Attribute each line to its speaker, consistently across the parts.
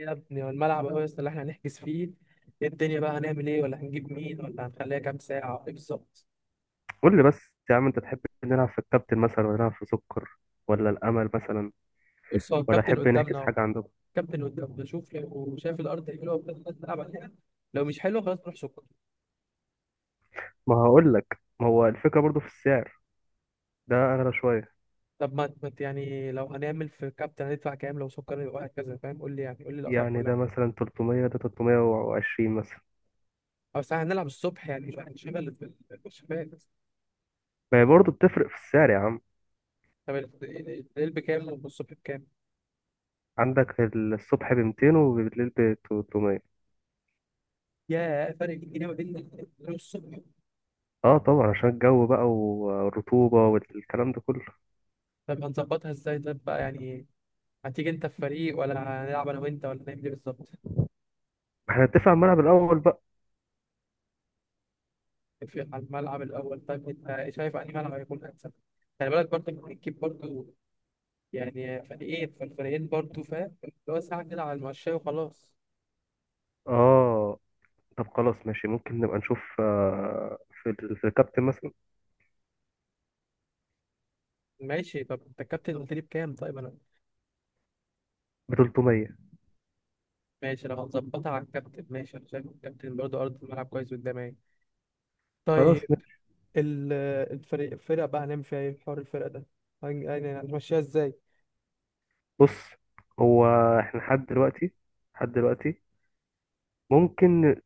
Speaker 1: يا ابني والملعب أهو يا اسطى اللي احنا هنحجز فيه. إيه الدنيا بقى؟ هنعمل ايه؟ ولا هنجيب مين؟ ولا هنخليها كام ساعة؟ ايه بالظبط؟
Speaker 2: قول لي بس يا عم، انت تحب نلعب في الكابتن مثلا ولا نلعب في سكر ولا الامل مثلا؟
Speaker 1: بص، هو
Speaker 2: ولا
Speaker 1: الكابتن
Speaker 2: تحب نحجز
Speaker 1: قدامنا اهو.
Speaker 2: حاجه عندكم؟
Speaker 1: الكابتن قدامنا، شوف لو شايف الأرض حلوة بس نلعب عليها. لو مش حلوة خلاص نروح سكر.
Speaker 2: ما هقول لك، ما هو الفكره برضو في السعر، ده اغلى شويه.
Speaker 1: طب يعني لو هنعمل في الكابتن هندفع كام؟ لو سكر يبقى وهكذا، فاهم؟ قول لي، يعني قول لي الأسعار
Speaker 2: يعني
Speaker 1: كلها.
Speaker 2: ده مثلا 300، ده 320 مثلا.
Speaker 1: أو ساعة هنلعب الصبح، يعني مش هنشغل في الشباب.
Speaker 2: ما هي برضو بتفرق في السعر يا عم.
Speaker 1: طب الليل بكام والصبح بكام؟
Speaker 2: عندك الصبح ب 200 وبالليل ب 300.
Speaker 1: ياه، فرق 100 جنيه ما بين الليل والصبح.
Speaker 2: اه طبعا، عشان الجو بقى والرطوبه والكلام ده كله.
Speaker 1: طب هنظبطها ازاي طب بقى يعني؟ هتيجي انت في فريق ولا هنلعب انا وانت ولا نعمل ايه بالظبط؟
Speaker 2: احنا نتفق على الملعب الاول بقى.
Speaker 1: في على الملعب الاول، طيب انت شايف انهي ملعب هيكون احسن؟ خلي بالك برضه ممكن تجيب برضه يعني فريقين، فالفريقين برضه، فاهم؟ اللي هو ساعه كده على المشاية وخلاص.
Speaker 2: اه، طب خلاص ماشي، ممكن نبقى نشوف في الكابتن مثلا
Speaker 1: ماشي، طب انت الكابتن قلت لي بكام؟ طيب انا
Speaker 2: ب 300.
Speaker 1: ماشي، لو هتظبطها على الكابتن ماشي، انا شايف الكابتن برضه ارض الملعب كويس قدامي.
Speaker 2: خلاص.
Speaker 1: طيب، ال- الفريق، الفرقه بقى هنعمل فيها ايه؟ حوار الفرقه ده يعني هنمشيها ازاي؟
Speaker 2: بص هو احنا لحد دلوقتي ممكن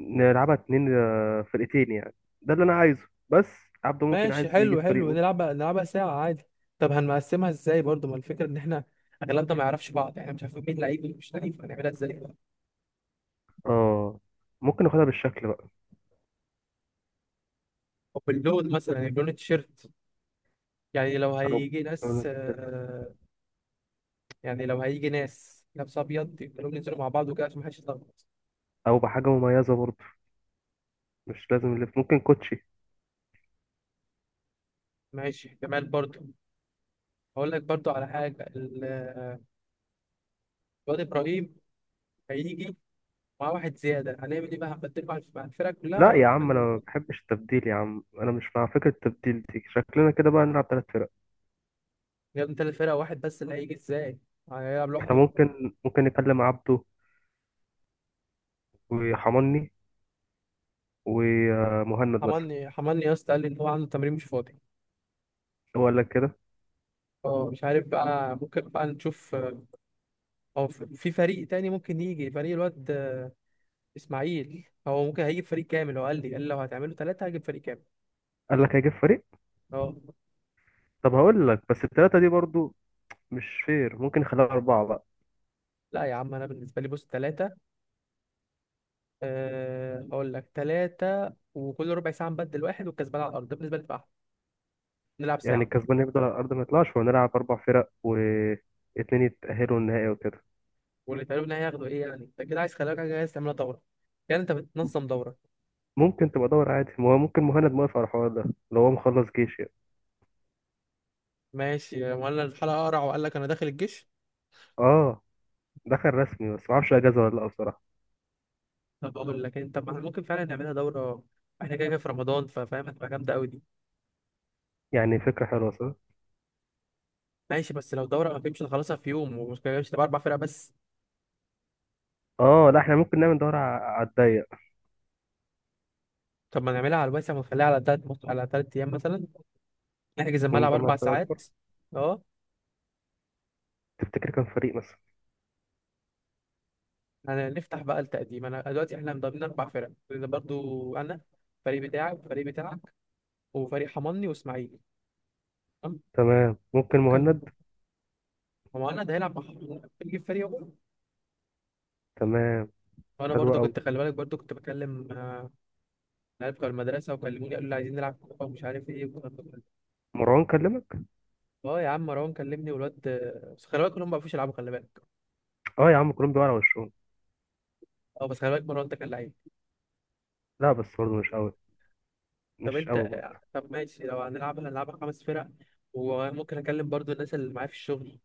Speaker 2: نلعبها اتنين، فرقتين يعني. ده اللي انا عايزه بس. عبده ممكن
Speaker 1: ماشي،
Speaker 2: عايز يجي
Speaker 1: حلو
Speaker 2: في
Speaker 1: حلو،
Speaker 2: فريقه.
Speaker 1: نلعبها نلعبها ساعة عادي. طب هنقسمها ازاي برضو؟ ما الفكرة ان احنا اغلبنا ما يعرفش بعض، احنا مش عارفين مين لعيب ومين مش لعيب، هنعملها ازاي؟
Speaker 2: اه، ممكن ناخدها بالشكل بقى.
Speaker 1: طب اللون مثلا، يعني لون التيشيرت، يعني لو
Speaker 2: او
Speaker 1: هيجي ناس يعني لو هيجي ناس لابس ابيض يبقى لهم ينزلوا مع بعض وكده عشان محدش يتلخبط.
Speaker 2: او بحاجه مميزه برضه، مش لازم اللي ممكن كوتشي.
Speaker 1: ماشي جمال برضو. هقول لك برضو على حاجة، الواد ابراهيم هيجي مع واحد زيادة، هنعمل ايه بقى؟ هنبدله مع الفرقة كلها
Speaker 2: لا
Speaker 1: ولا
Speaker 2: يا عم، انا
Speaker 1: هنخلي؟
Speaker 2: ما بحبش التبديل يا عم، انا مش مع فكره التبديل دي. شكلنا كده بقى نلعب ثلاث فرق.
Speaker 1: يا ابني تلات فرق؟ واحد بس اللي هيجي ازاي؟ هيلعب
Speaker 2: احنا
Speaker 1: لوحده.
Speaker 2: ممكن نكلم عبده وحماني ومهند مثلا.
Speaker 1: حملني يا اسطى قال لي ان هو عنده تمرين، مش فاضي.
Speaker 2: هو قال لك كده؟
Speaker 1: اه مش عارف بقى، ممكن بقى نشوف. اه، في فريق تاني ممكن يجي، فريق الواد اسماعيل هو ممكن هيجيب فريق كامل، هو قال لي لو هتعملوا ثلاثة هجيب فريق كامل.
Speaker 2: قال لك هيجيب فريق؟
Speaker 1: اه
Speaker 2: طب هقول لك، بس التلاتة دي برضو مش فير، ممكن نخليها أربعة بقى.
Speaker 1: لا يا عم، انا بالنسبة لي بص ثلاثة، أه اقول لك ثلاثة وكل ربع ساعة نبدل واحد، والكسبان على الارض، ده بالنسبة لي بقى أحلى. نلعب
Speaker 2: يعني
Speaker 1: ساعة.
Speaker 2: الكسبان يفضل على الأرض ما يطلعش ونلعب أربع فرق واتنين يتأهلوا النهائي وكده.
Speaker 1: واللي تقريبا هياخدوا ايه يعني؟ انت كده عايز، خلي بالك، حاجة عايز تعملها دورة؟ يعني انت بتنظم دورة؟
Speaker 2: ممكن تبقى دور عادي، ما هو ممكن مهند موافق على الحوار ده لو هو مخلص جيش يعني.
Speaker 1: ماشي، ولا الحلقة اقرع وقال لك انا داخل الجيش؟
Speaker 2: اه، دخل رسمي بس معرفش أجازة ولا لأ بصراحة.
Speaker 1: طب اقول لك انت، ما إحنا ممكن فعلا نعملها دوره، احنا كده كده في رمضان، ففاهم، هتبقى جامده قوي دي.
Speaker 2: يعني فكرة حلوة صح؟
Speaker 1: ماشي، بس لو دوره ما فهمش، نخلصها في يوم ومش كده، مش تبقى اربع فرق بس.
Speaker 2: اه، لا احنا ممكن نعمل دورة على الضيق
Speaker 1: طب ما نعملها على الواسع ونخليها على تلات على تلات ايام مثلا، نحجز الملعب
Speaker 2: ونجمع
Speaker 1: اربع
Speaker 2: فرق أكبر.
Speaker 1: ساعات. اه.
Speaker 2: تفتكر كام فريق مثلا؟
Speaker 1: هنفتح بقى التقديم، انا دلوقتي احنا مضامنين اربع فرق، لان برضو انا، الفريق بتاعك والفريق بتاعك وفريق حماني واسماعيل، تمام؟
Speaker 2: تمام ممكن
Speaker 1: كم،
Speaker 2: مهند.
Speaker 1: هو انا ده هيلعب مع حماني هيجيب فريق واحد.
Speaker 2: تمام
Speaker 1: وانا
Speaker 2: حلو
Speaker 1: برضو
Speaker 2: أوي.
Speaker 1: كنت، خلي بالك، برضو كنت بكلم العيال بتوع المدرسه وكلموني قالوا لي عايزين نلعب كوره ومش عارف ايه والكلام ده كله.
Speaker 2: مروان كلمك؟
Speaker 1: اه يا عم، مروان كلمني والواد، بس خلي بالك كلهم ما بيعرفوش يلعبوا، خلي بالك.
Speaker 2: اه يا عم، كلهم بيقعوا على وشهم.
Speaker 1: اه بس خلي بالك مروان ده كان لعيب.
Speaker 2: لا بس برضه مش أوي
Speaker 1: طب
Speaker 2: مش أوي
Speaker 1: انت،
Speaker 2: برضه.
Speaker 1: طب ماشي، لو هنلعبها هنلعبها خمس فرق، وممكن اكلم برضو الناس اللي معايا في الشغل،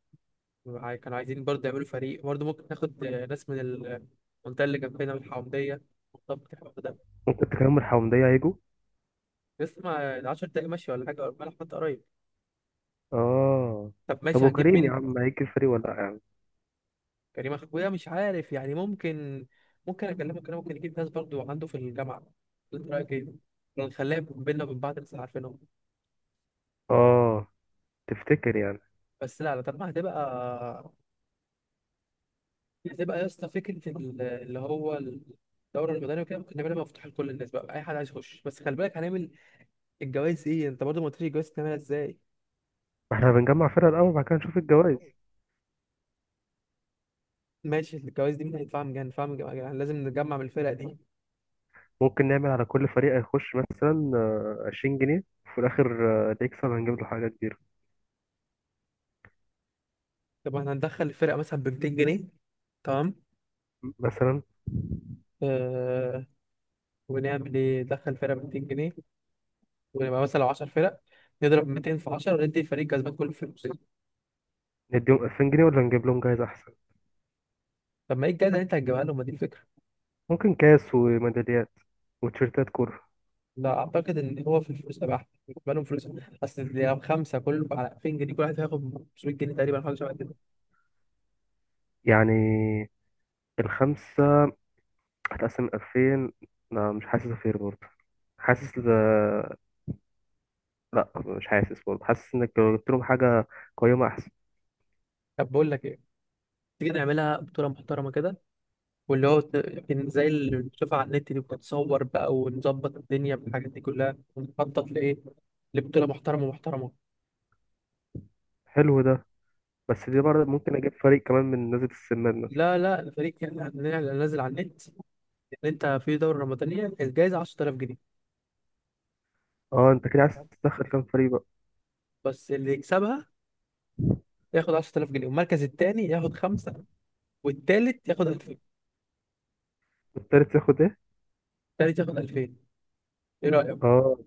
Speaker 1: كانوا عايزين برضو يعملوا فريق، برضو ممكن ناخد ناس من المنطقه اللي جنبنا من الحومديه. طب الحوار ده
Speaker 2: ممكن تكرم الحومدية هيجوا؟
Speaker 1: لسه ما 10 دقايق، ماشي؟ ولا حاجه ولا حتى قريب.
Speaker 2: اه،
Speaker 1: طب
Speaker 2: طب
Speaker 1: ماشي، هنجيب
Speaker 2: وكريم يا
Speaker 1: مين؟
Speaker 2: عم هيجي الفريق ولا لا يعني؟
Speaker 1: كريم اخويا مش عارف يعني، ممكن، ممكن اكلمك، انا ممكن يجيب ناس برضو عنده في الجامعه. انت رايك ايه؟ نخليها بينا وبين بعض بس عارفينهم.
Speaker 2: اه تفتكر يعني.
Speaker 1: بس لا طالما هتبقى، هتبقى يا اسطى فكره اللي هو الدورة المدنية وكده، ممكن نعملها مفتوحة لكل الناس بقى، أي حد عايز يخش. بس خلي بالك هنعمل الجواز. إيه أنت برضو ما قلتليش الجواز تعملها إزاي؟
Speaker 2: ما احنا بنجمع فرق الاول، بعد كده نشوف الجوائز.
Speaker 1: ماشي، الجواز دي مين هيدفعها؟ من جهة ندفعها من جهة، يعني لازم نجمع من الفرق دي.
Speaker 2: ممكن نعمل على كل فريق هيخش مثلا 20 جنيه، وفي الاخر اللي يكسب هنجيب له حاجة كبيرة.
Speaker 1: طب احنا هندخل الفرقة مثلا ب 200 جنيه، تمام؟
Speaker 2: مثلا
Speaker 1: آه، ونعمل ايه؟ ندخل فرقه ب 200 جنيه ونبقى مثلا لو 10 فرق، نضرب 200 في 10 وندي الفريق الكسبان كله فلوس.
Speaker 2: نديهم 2000 جنيه ولا نجيب لهم جايزة احسن؟
Speaker 1: طب ما ايه الجايزه اللي انت هتجيبها لهم؟ ما دي الفكره.
Speaker 2: ممكن كاس وميداليات وتيشيرتات كورة.
Speaker 1: لا، اعتقد ان هو في الفلوس تبع، بالنسبه لهم فلوس. اصل دي خمسه كل على 2000 جنيه، كل واحد هياخد 500 جنيه تقريبا، حاجه شبه كده.
Speaker 2: يعني الخمسة هتقسم 2000؟ لا مش حاسس فير برضه، حاسس ده. لا مش حاسس برضه، حاسس انك لو جبت لهم حاجه قيمه احسن.
Speaker 1: طب بقول لك ايه، تيجي نعملها بطوله محترمه كده، واللي هو يعني زي اللي بتشوفها على النت دي بتتصور بقى، ونظبط الدنيا بالحاجات دي كلها ونخطط لايه؟ لبطوله محترمه محترمه.
Speaker 2: حلو ده. بس دي برضه ممكن اجيب فريق كمان من نزلة السمان مثلا.
Speaker 1: لا الفريق يعني هننزل على النت اللي انت في دوره رمضانيه الجايزه 10000 جنيه،
Speaker 2: اه، انت كده عايز تدخل كام فريق بقى؟
Speaker 1: بس اللي يكسبها ياخد 10000 جنيه، والمركز الثاني ياخد خمسه، والثالث ياخد 2000.
Speaker 2: التالت ياخد ايه؟
Speaker 1: الثالث ياخد 2000. ايه رايك؟
Speaker 2: اه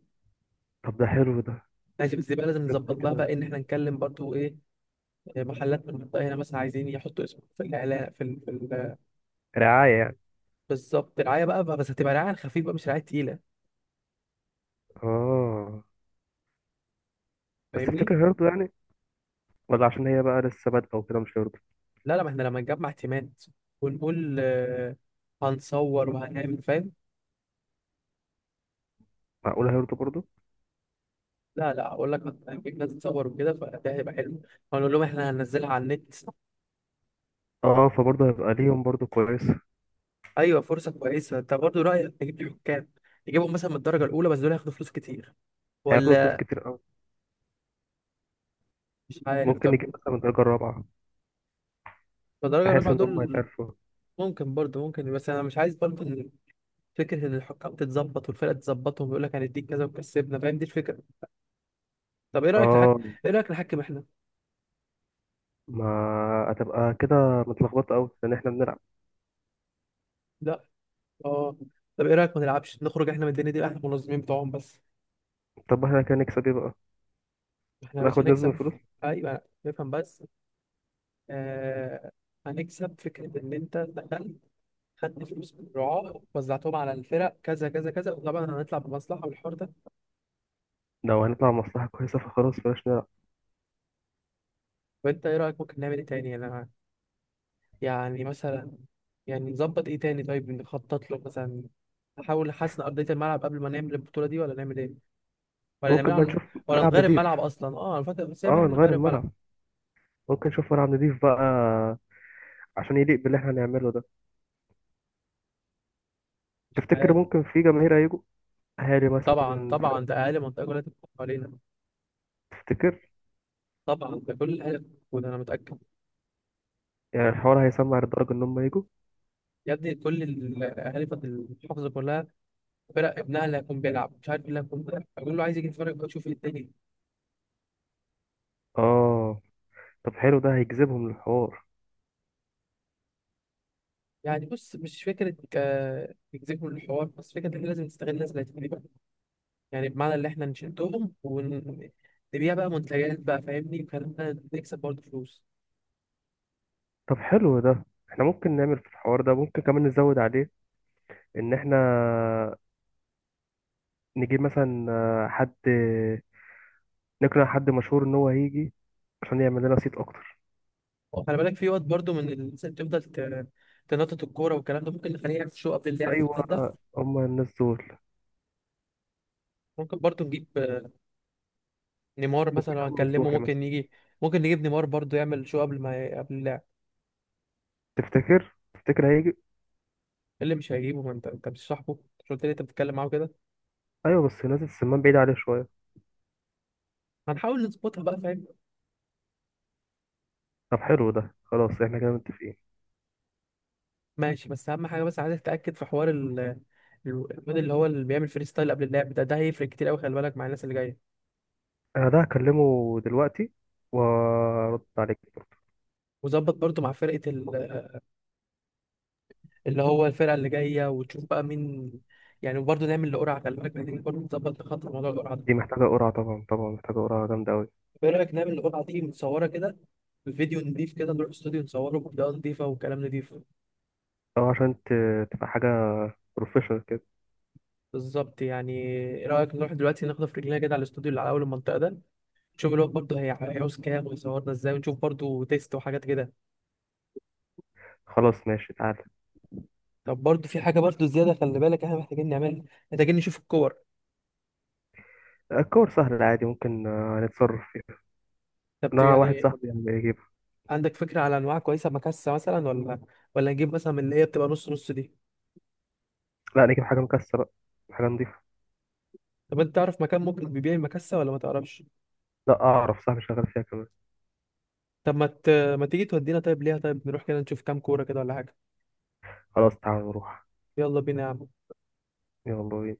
Speaker 2: طب ده حلو ده.
Speaker 1: ماشي، بس يبقى لازم
Speaker 2: انت
Speaker 1: نظبط لها
Speaker 2: كده،
Speaker 1: بقى ان احنا نكلم برضو ايه، محلات من المنطقه هنا مثلا عايزين يحطوا اسمه في الاعلان
Speaker 2: رعايه يعني.
Speaker 1: بالظبط، رعايه بقى، بس هتبقى رعايه خفيفه بقى مش رعايه تقيله.
Speaker 2: اه بس
Speaker 1: فاهمني؟
Speaker 2: تفتكر هيرضوا يعني؟ ولا عشان هي بقى لسه بادئه وكده مش هيرضوا؟
Speaker 1: لا ما احنا لما نجمع تيمات ونقول هنصور وهنعمل، فاهم؟
Speaker 2: معقوله هيرضوا برضه؟
Speaker 1: لا اقول لك، هنجيب ناس تصور وكده فده هيبقى حلو، هنقول لهم احنا هننزلها على النت.
Speaker 2: اه فبرضه هيبقى ليهم برضه كويسه.
Speaker 1: ايوه فرصه كويسه. انت برضه رايك نجيب لي حكام؟ نجيبهم مثلا من الدرجه الاولى، بس دول هياخدوا فلوس كتير.
Speaker 2: هياخدوا فلوس
Speaker 1: ولا
Speaker 2: كتير قوي.
Speaker 1: مش عارف،
Speaker 2: ممكن
Speaker 1: طب
Speaker 2: نجيب مثلا من الدرجه الرابعه
Speaker 1: الدرجه
Speaker 2: بحيث
Speaker 1: الرابعه
Speaker 2: ان هم
Speaker 1: دول
Speaker 2: يتعرفوا.
Speaker 1: ممكن برضه، ممكن. بس انا مش عايز برضه إن، فكره ان الحكام تتظبط والفرقه تتظبطهم ويقول لك هنديك كذا وكسبنا، فاهم، دي الفكره. طب ايه رايك
Speaker 2: اه،
Speaker 1: ايه رايك نحكم احنا؟
Speaker 2: ما هتبقى كده متلخبطه قوي لان احنا بنلعب.
Speaker 1: لا. اه. طب ايه رايك ما نلعبش، نخرج احنا من الدنيا دي، احنا المنظمين بتوعهم بس.
Speaker 2: طب احنا كده نكسب ايه بقى؟
Speaker 1: احنا يا باشا
Speaker 2: هناخد نسبة من
Speaker 1: هنكسب،
Speaker 2: الفلوس؟
Speaker 1: ايوه نفهم بس. آه، هنكسب فكرة إن أنت دخلت، خدت فلوس من الرعاة وزعتهم على الفرق كذا كذا كذا، وطبعا هنطلع بمصلحة، والحوار ده.
Speaker 2: لو هنطلع مصلحة كويسة فخلاص بلاش نلعب.
Speaker 1: وأنت إيه رأيك؟ ممكن نعمل إيه تاني أنا؟ يعني مثلا، يعني نظبط إيه تاني؟ طيب نخطط له مثلا، نحاول نحسن أرضية الملعب قبل ما نعمل البطولة دي ولا نعمل إيه؟ ولا نعملها
Speaker 2: ممكن بقى
Speaker 1: على...
Speaker 2: نشوف
Speaker 1: ولا
Speaker 2: ملعب
Speaker 1: نغير
Speaker 2: نضيف.
Speaker 1: الملعب أصلا؟ أه أنا فاكر، بس إحنا
Speaker 2: اه، نغير
Speaker 1: نغير الملعب.
Speaker 2: الملعب. ممكن نشوف ملعب نضيف بقى عشان يليق باللي احنا هنعمله ده.
Speaker 1: مش
Speaker 2: تفتكر
Speaker 1: عارف.
Speaker 2: ممكن في جماهير هيجوا؟ اهالي
Speaker 1: طبعا
Speaker 2: مثلا
Speaker 1: طبعا،
Speaker 2: فرق؟
Speaker 1: ده أقل منطقة كلها تتفق علينا.
Speaker 2: تفتكر
Speaker 1: طبعا، ده كل الأهلي موجود، أنا متأكد.
Speaker 2: يعني الحوار هيسمع لدرجة ان هم يجوا؟
Speaker 1: يا ابني كل الأهالي في المحافظة كلها فرق ابنها اللي هيكون بيلعب مش عارف إيه اللي هيكون بيلعب بقول له عايز يجي يتفرج بقى يشوف الدنيا.
Speaker 2: اه طب حلو ده، هيجذبهم للحوار.
Speaker 1: يعني بص، مش فكرة نجذبهم للحوار بس، فكرة إن إحنا لازم نستغل الناس اللي هتجيلنا. يعني بمعنى اللي إحنا نشدهم ونبيع بقى منتجات بقى، فاهمني، وكلامنا نكسب برضه فلوس.
Speaker 2: طب حلو ده، احنا ممكن نعمل في الحوار ده، ممكن كمان نزود عليه. ان احنا نجيب مثلا حد، نقنع حد مشهور ان هو هيجي عشان يعمل لنا صيت اكتر.
Speaker 1: وخلي بالك في وقت برضه من الناس اللي بتفضل تنطط الكورة والكلام ده، ممكن نخليه يعمل شو قبل اللعب ده.
Speaker 2: ايوه، هما الناس دول.
Speaker 1: ممكن برضه نجيب نيمار مثلا،
Speaker 2: ممكن
Speaker 1: لو
Speaker 2: يعمل
Speaker 1: هنكلمه
Speaker 2: نصوحي
Speaker 1: ممكن
Speaker 2: مثلا.
Speaker 1: يجي. ممكن نجيب نيمار برضه يعمل شو قبل اللعب.
Speaker 2: تفتكر هيجي؟
Speaker 1: إيه اللي مش هيجيبه؟ ما انت، انت مش صاحبه؟ مش قلت لي انت بتتكلم معاه كده؟
Speaker 2: ايوه بس نازل السمان بعيد عليه شويه.
Speaker 1: هنحاول نظبطها بقى، فاهم.
Speaker 2: طب حلو ده، خلاص احنا كده متفقين.
Speaker 1: ماشي، بس اهم حاجه بس عايز اتاكد في حوار الواد اللي هو اللي بيعمل فري ستايل قبل اللعب ده، ده هيفرق كتير قوي، خلي بالك مع الناس اللي جايه.
Speaker 2: انا ده هكلمه دلوقتي وارد عليك برضه.
Speaker 1: وظبط برضو مع فرقه اللي هو الفرقه اللي جايه وتشوف بقى مين. يعني وبرضه نعمل القرعه، خلي بالك محتاجين برضه نظبط خط موضوع القرعه ده.
Speaker 2: دي محتاجه قرعه طبعا، طبعا محتاجه قرعه جامده قوي.
Speaker 1: ايه رايك نعمل القرعه دي متصوره كده بفيديو نضيف كده، نروح استوديو نصوره بإضاءة نضيفة وكلام نضيف؟
Speaker 2: او عشان تبقى حاجه بروفيشنال كده.
Speaker 1: بالظبط. يعني ايه رأيك نروح دلوقتي ناخد في رجلينا كده على الاستوديو اللي على أول المنطقة ده، نشوف الوقت برضه هيعوز كام ويصورنا ازاي، ونشوف برضه تيست وحاجات كده.
Speaker 2: خلاص ماشي، تعالى.
Speaker 1: طب برضه في حاجة برضه زيادة خلي بالك احنا محتاجين نعملها، محتاجين نشوف الكور.
Speaker 2: الكور سهل عادي، ممكن نتصرف فيها.
Speaker 1: طب
Speaker 2: انا واحد
Speaker 1: يعني
Speaker 2: صاحبي يعني يجيب.
Speaker 1: عندك فكرة على أنواع كويسة مكسة مثلا، ولا ولا نجيب مثلا من اللي هي بتبقى نص نص دي؟
Speaker 2: لا، نجيب حاجه مكسره، حاجه نضيفه.
Speaker 1: طب أنت تعرف مكان ممكن بيبيع المكسة ولا ما تعرفش؟
Speaker 2: لا اعرف، صاحبي شغال فيها كمان.
Speaker 1: طب ما تيجي تودينا طيب ليها، طيب نروح كده نشوف كام كورة كده ولا حاجة؟
Speaker 2: خلاص تعالى نروح.
Speaker 1: يلا بينا يا عم.
Speaker 2: يلا بينا.